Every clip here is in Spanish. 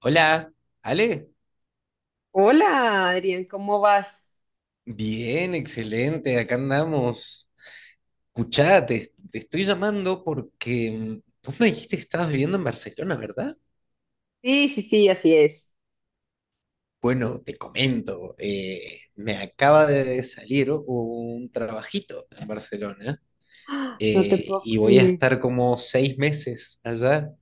Hola, Ale. Hola, Adrián, ¿cómo vas? Bien, excelente, acá andamos. Escuchá, te estoy llamando porque vos me dijiste que estabas viviendo en Barcelona, ¿verdad? Sí, sí, sí, así es. Bueno, te comento, me acaba de salir un trabajito en Barcelona No te puedo y voy a creer. estar como 6 meses allá.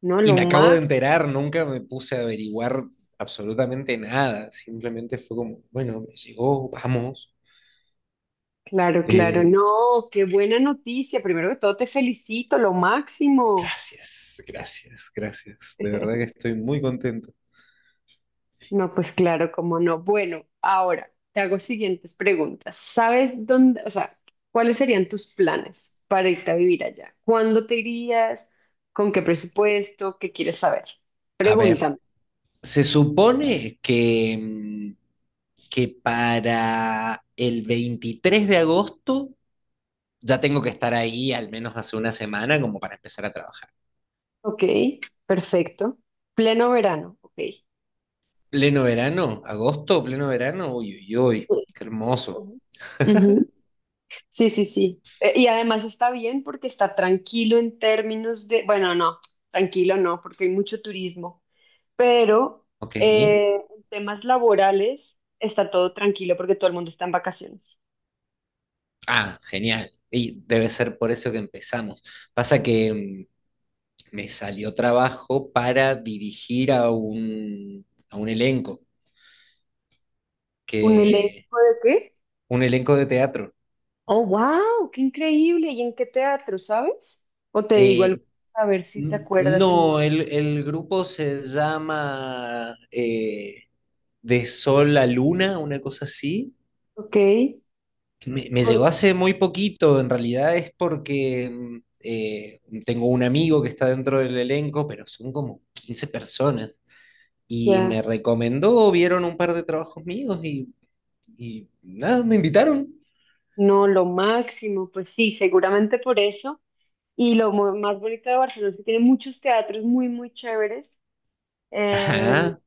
No, Y lo me acabo de Max. enterar, nunca me puse a averiguar absolutamente nada, simplemente fue como, bueno, me llegó, vamos. Claro, claro. Eh, No, qué buena noticia. Primero que todo, te felicito, lo máximo. Gracias, gracias, gracias. De verdad que estoy muy contento. No, pues claro, cómo no. Bueno, ahora te hago siguientes preguntas. ¿Sabes dónde, o sea, cuáles serían tus planes para irte a vivir allá? ¿Cuándo te irías? ¿Con qué presupuesto? ¿Qué quieres saber? A ver, Pregúntame. se supone que, que para el 23 de agosto ya tengo que estar ahí al menos hace una semana como para empezar a trabajar. Ok, perfecto. Pleno verano. Ok. Pleno verano, agosto, pleno verano, uy, uy, uy, qué hermoso. Ujú. Ujú. Sí, sí, sí. Y además está bien porque está tranquilo en términos de, bueno, no, tranquilo no, porque hay mucho turismo, pero Ok. En temas laborales está todo tranquilo porque todo el mundo está en vacaciones. Ah, genial. Y debe ser por eso que empezamos. Pasa que me salió trabajo para dirigir a a un elenco. ¿Un Que elenco de qué? un elenco de teatro. Oh, wow, qué increíble. ¿Y en qué teatro, sabes? O te digo algo, Eh, a ver si te n- acuerdas el no, nombre. el grupo se llama De Sol a Luna, una cosa así. Ok, Me llegó por, hace muy poquito, en realidad es porque tengo un amigo que está dentro del elenco, pero son como 15 personas. Y me ya, recomendó, vieron un par de trabajos míos y nada, me invitaron. no, lo máximo, pues sí, seguramente por eso. Y lo más bonito de Barcelona es que tiene muchos teatros muy, muy chéveres. Eh, Ajá.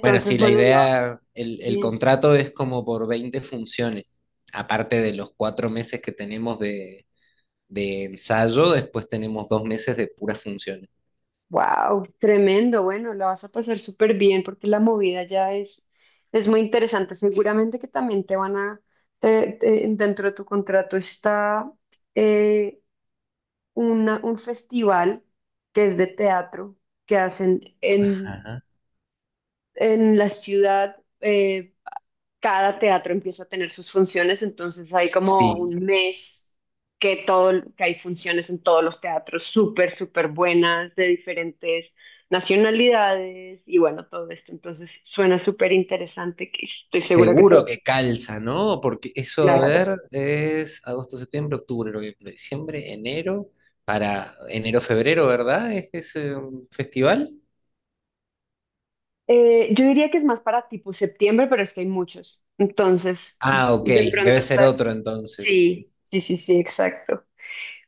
Bueno, sí, la bueno, la vas a idea, el, pasar el bien. contrato es como por 20 funciones. Aparte de los 4 meses que tenemos de ensayo, después tenemos 2 meses de puras funciones. Wow, tremendo. Bueno, la vas a pasar súper bien porque la movida ya es muy interesante. Seguramente que también te van a, dentro de tu contrato está eh, un festival que es de teatro que hacen Ajá. en la ciudad. Eh, cada teatro empieza a tener sus funciones, entonces hay como un Sí, mes que todo, que hay funciones en todos los teatros súper, súper buenas de diferentes nacionalidades y bueno, todo esto. Entonces suena súper interesante, que estoy segura que te va a seguro que hacer calza, ¿no? Porque eso, a claro. ver, es agosto, septiembre, octubre, noviembre, diciembre, enero, para enero, febrero, ¿verdad? ¿Es ese festival? Yo diría que es más para tipo septiembre, pero es que hay muchos. Entonces, Ah, ok, de pronto debe ser otro estás. entonces. Sí, sí, sí, sí, exacto.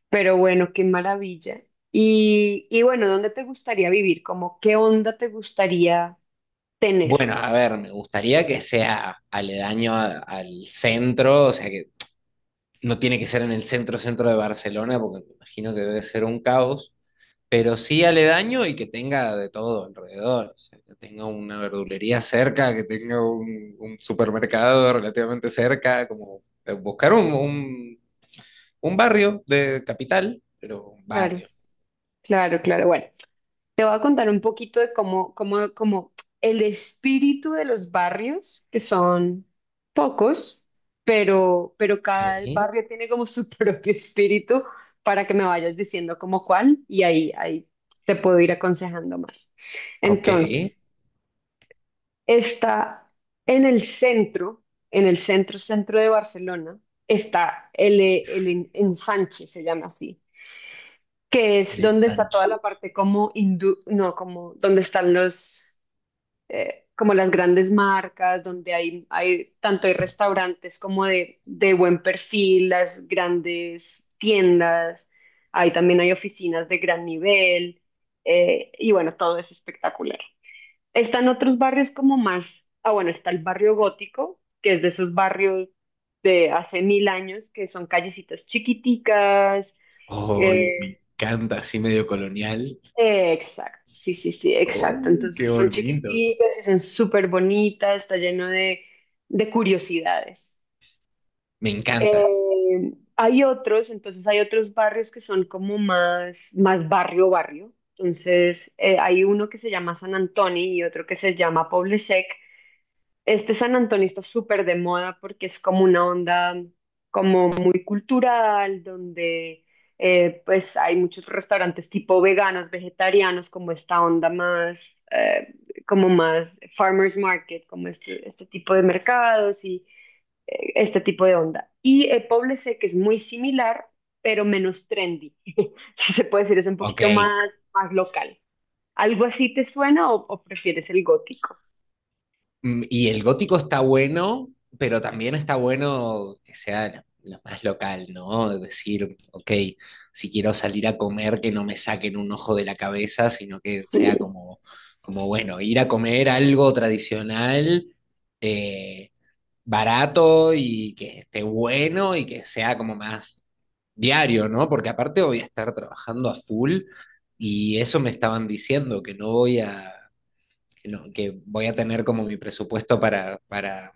Pero bueno, qué maravilla. Y bueno, ¿dónde te gustaría vivir? Como, ¿qué onda te gustaría tener? Bueno, a ver, me gustaría que sea aledaño al centro, o sea que no tiene que ser en el centro centro de Barcelona, porque me imagino que debe ser un caos, pero sí aledaño y que tenga de todo alrededor, o sea, que tenga una verdulería cerca, que tenga un supermercado relativamente cerca, como buscar un barrio de capital, pero un Claro, barrio. claro, claro. Bueno, te voy a contar un poquito de cómo, cómo, cómo el espíritu de los barrios, que son pocos, pero Ok, cada barrio tiene como su propio espíritu para que me vayas diciendo como cuál y ahí, ahí te puedo ir aconsejando más. ok, el Entonces. Está en el centro, en el centro, centro de Barcelona, está el ensanche, se llama así, que es donde está ensanche. toda la parte como hindú, no, como donde están los, como las grandes marcas, donde hay tanto hay restaurantes como de buen perfil, las grandes tiendas, ahí también hay oficinas de gran nivel, y bueno, todo es espectacular. Están otros barrios como más, ah bueno, está el barrio gótico, que es de esos barrios de hace mil años, que son callecitas chiquiticas. Ay, me eh, encanta, así medio colonial. exacto, sí, sí, sí, exacto. Oh, qué Entonces son bonito. chiquiticas y son súper bonitas, está lleno de curiosidades. Me encanta. Hay otros, entonces hay otros barrios que son como más, más barrio, barrio. Entonces hay uno que se llama San Antonio y otro que se llama Poble. Este San Antonio está súper de moda porque es como una onda como muy cultural, donde pues hay muchos restaurantes tipo veganos, vegetarianos, como esta onda más, eh, como más farmers market, como este tipo de mercados y este tipo de onda. Y Poblete, que es muy similar, pero menos trendy, si se puede decir, es un Ok. poquito más, más local. ¿Algo así te suena o prefieres el gótico? Mm, y el gótico está bueno, pero también está bueno que sea lo más local, ¿no? Es decir, ok, si quiero salir a comer, que no me saquen un ojo de la cabeza, sino que sea Sí, como, como bueno, ir a comer algo tradicional, eh, barato y que esté bueno y que sea como más diario, ¿no? Porque aparte voy a estar trabajando a full y eso me estaban diciendo, que no voy a, que, no- que voy a tener como mi presupuesto para, para,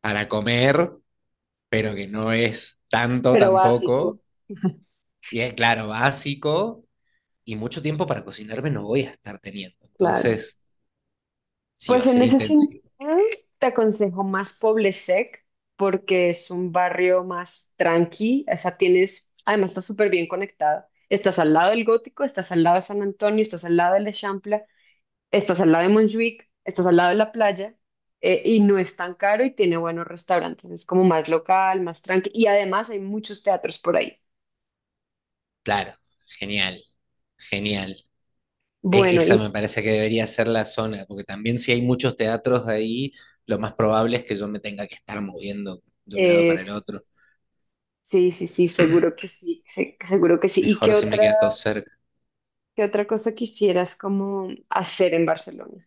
para comer, pero que no es tanto pero tampoco. básico. Y es claro, básico y mucho tiempo para cocinarme no voy a estar teniendo. Claro. Entonces, sí, va Pues a en ser ese sentido, intensivo. te aconsejo más Poblesec porque es un barrio más tranqui, o sea, tienes, además está súper bien conectado. Estás al lado del Gótico, estás al lado de San Antonio, estás al lado del Eixample, estás al lado de Montjuic, estás al lado de la playa y no es tan caro y tiene buenos restaurantes, es como más local, más tranqui y además hay muchos teatros por ahí. Claro, genial, genial. E- Bueno, Esa me y parece que debería ser la zona, porque también si hay muchos teatros ahí, lo más probable es que yo me tenga que estar moviendo de un lado para eh, el otro. sí, sí, sí, seguro que sí, seguro que sí. ¿Y Mejor qué si me otra? queda todo cerca. ¿Qué otra cosa quisieras como hacer en Barcelona?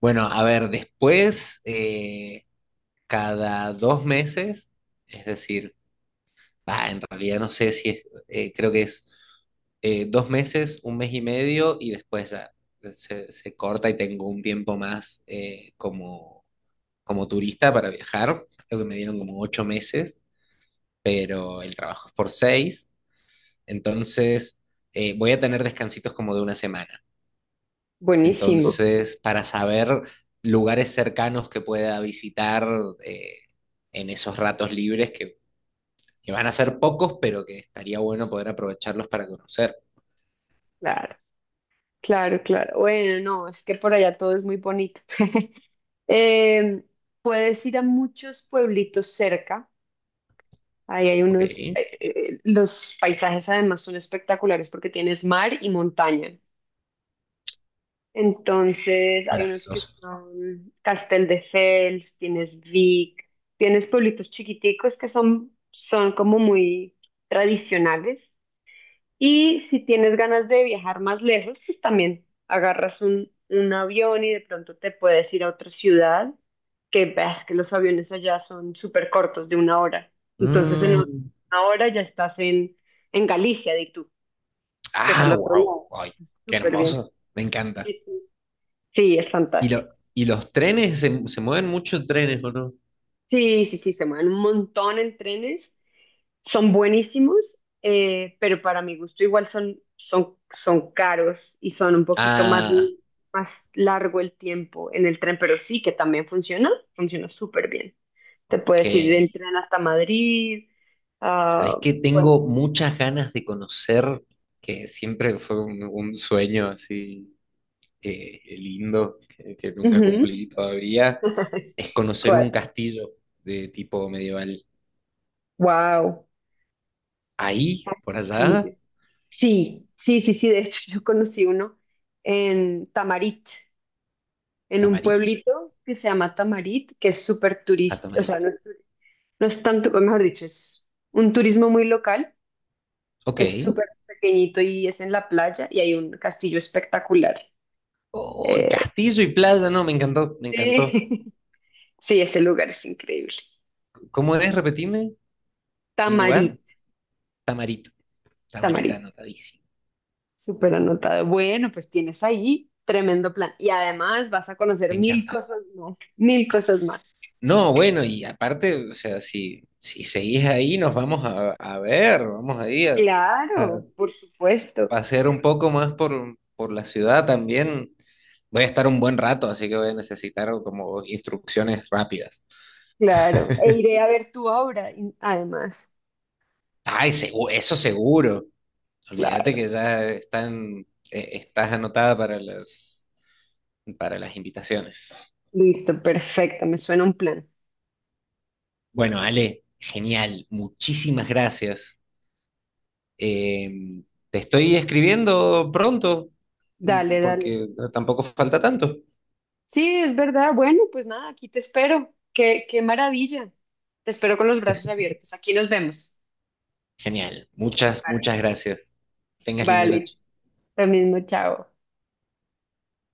Bueno, a ver, después, cada 2 meses, es decir, bah, en realidad no sé si es, creo que es 2 meses, un mes y medio, y después ya se corta y tengo un tiempo más como, como turista para viajar. Creo que me dieron como 8 meses. Pero el trabajo es por 6, entonces voy a tener descansitos como de una semana. Buenísimo, Entonces, para saber lugares cercanos que pueda visitar eh, en esos ratos libres que van a ser pocos, pero que estaría bueno poder aprovecharlos para conocer. claro, claro, claro. Bueno, no, es que por allá todo es muy bonito. Em, puedes ir a muchos pueblitos cerca. Ahí hay Ok, unos, los paisajes además son espectaculares porque tienes mar y montaña. Entonces hay unos que maravilloso. son Castelldefels, tienes Vic, tienes pueblitos chiquiticos que son, son como muy tradicionales. Y si tienes ganas de viajar más lejos, pues también agarras un avión y de pronto te puedes ir a otra ciudad, que ves que los aviones allá son súper cortos, de una hora. Entonces en Mm, una hora ya estás en Galicia, de tú, que es al ah, otro wow, lado. ay, qué Súper bien. hermoso, me encanta. Sí, sí. Sí, es ¿Y, lo, fantástico. y los trenes, se mueven muchos trenes, ¿o no? Sí, sí, sí, se mueven un montón en trenes son buenísimos, pero para mi gusto igual son, son, son caros y son un poquito más, Ah, más largo el tiempo en el tren, pero sí que también funciona, funciona súper bien. Te ok. puedes ir del tren hasta Madrid. Sabes ah, que bueno. tengo muchas ganas de conocer, que siempre fue un sueño así lindo, que nunca Ujú. cumplí todavía, es conocer un ¿Cuál? castillo de tipo medieval. Wow. Ahí, por allá, Castillo. Sí, sí, sí, sí. De hecho, yo conocí uno en Tamarit, en un Tamarich, pueblito que se llama Tamarit, que es súper a turístico, o Tamarit. sea, no es turístico. No es tanto, o mejor dicho, es un turismo muy local, Ok. es súper pequeñito y es en la playa y hay un castillo espectacular. Oh, Eh, castillo y playa, no, me encantó, me encantó. sí, sí, ese lugar es increíble. ¿Cómo es? Repetime el lugar. Tamarit, Tamarit, Tamarita, Tamarit, anotadísimo. súper anotado. Bueno, pues tienes ahí tremendo plan. Y además vas a conocer Me mil encanta. cosas más, mil cosas más. No, bueno, y aparte, o sea, si seguís ahí, nos vamos a ver, vamos ahí a Claro, por supuesto, pasear un poco más por la ciudad también. Voy a estar un buen rato, así que voy a necesitar como instrucciones rápidas. claro. E iré a ver tu obra, además. Ay, eso seguro. Olvídate Claro, que ya están, estás anotada para las invitaciones. listo, perfecto, me suena un plan. Bueno, Ale, genial. Muchísimas gracias. Eh, te estoy escribiendo pronto, Dale, dale. porque tampoco falta tanto. Sí, es verdad. Bueno, pues nada, aquí te espero. Qué, qué maravilla. Te espero con los brazos abiertos. Aquí nos vemos. Genial, muchas, muchas gracias. Tengas linda noche. Vale, lo mismo, chao.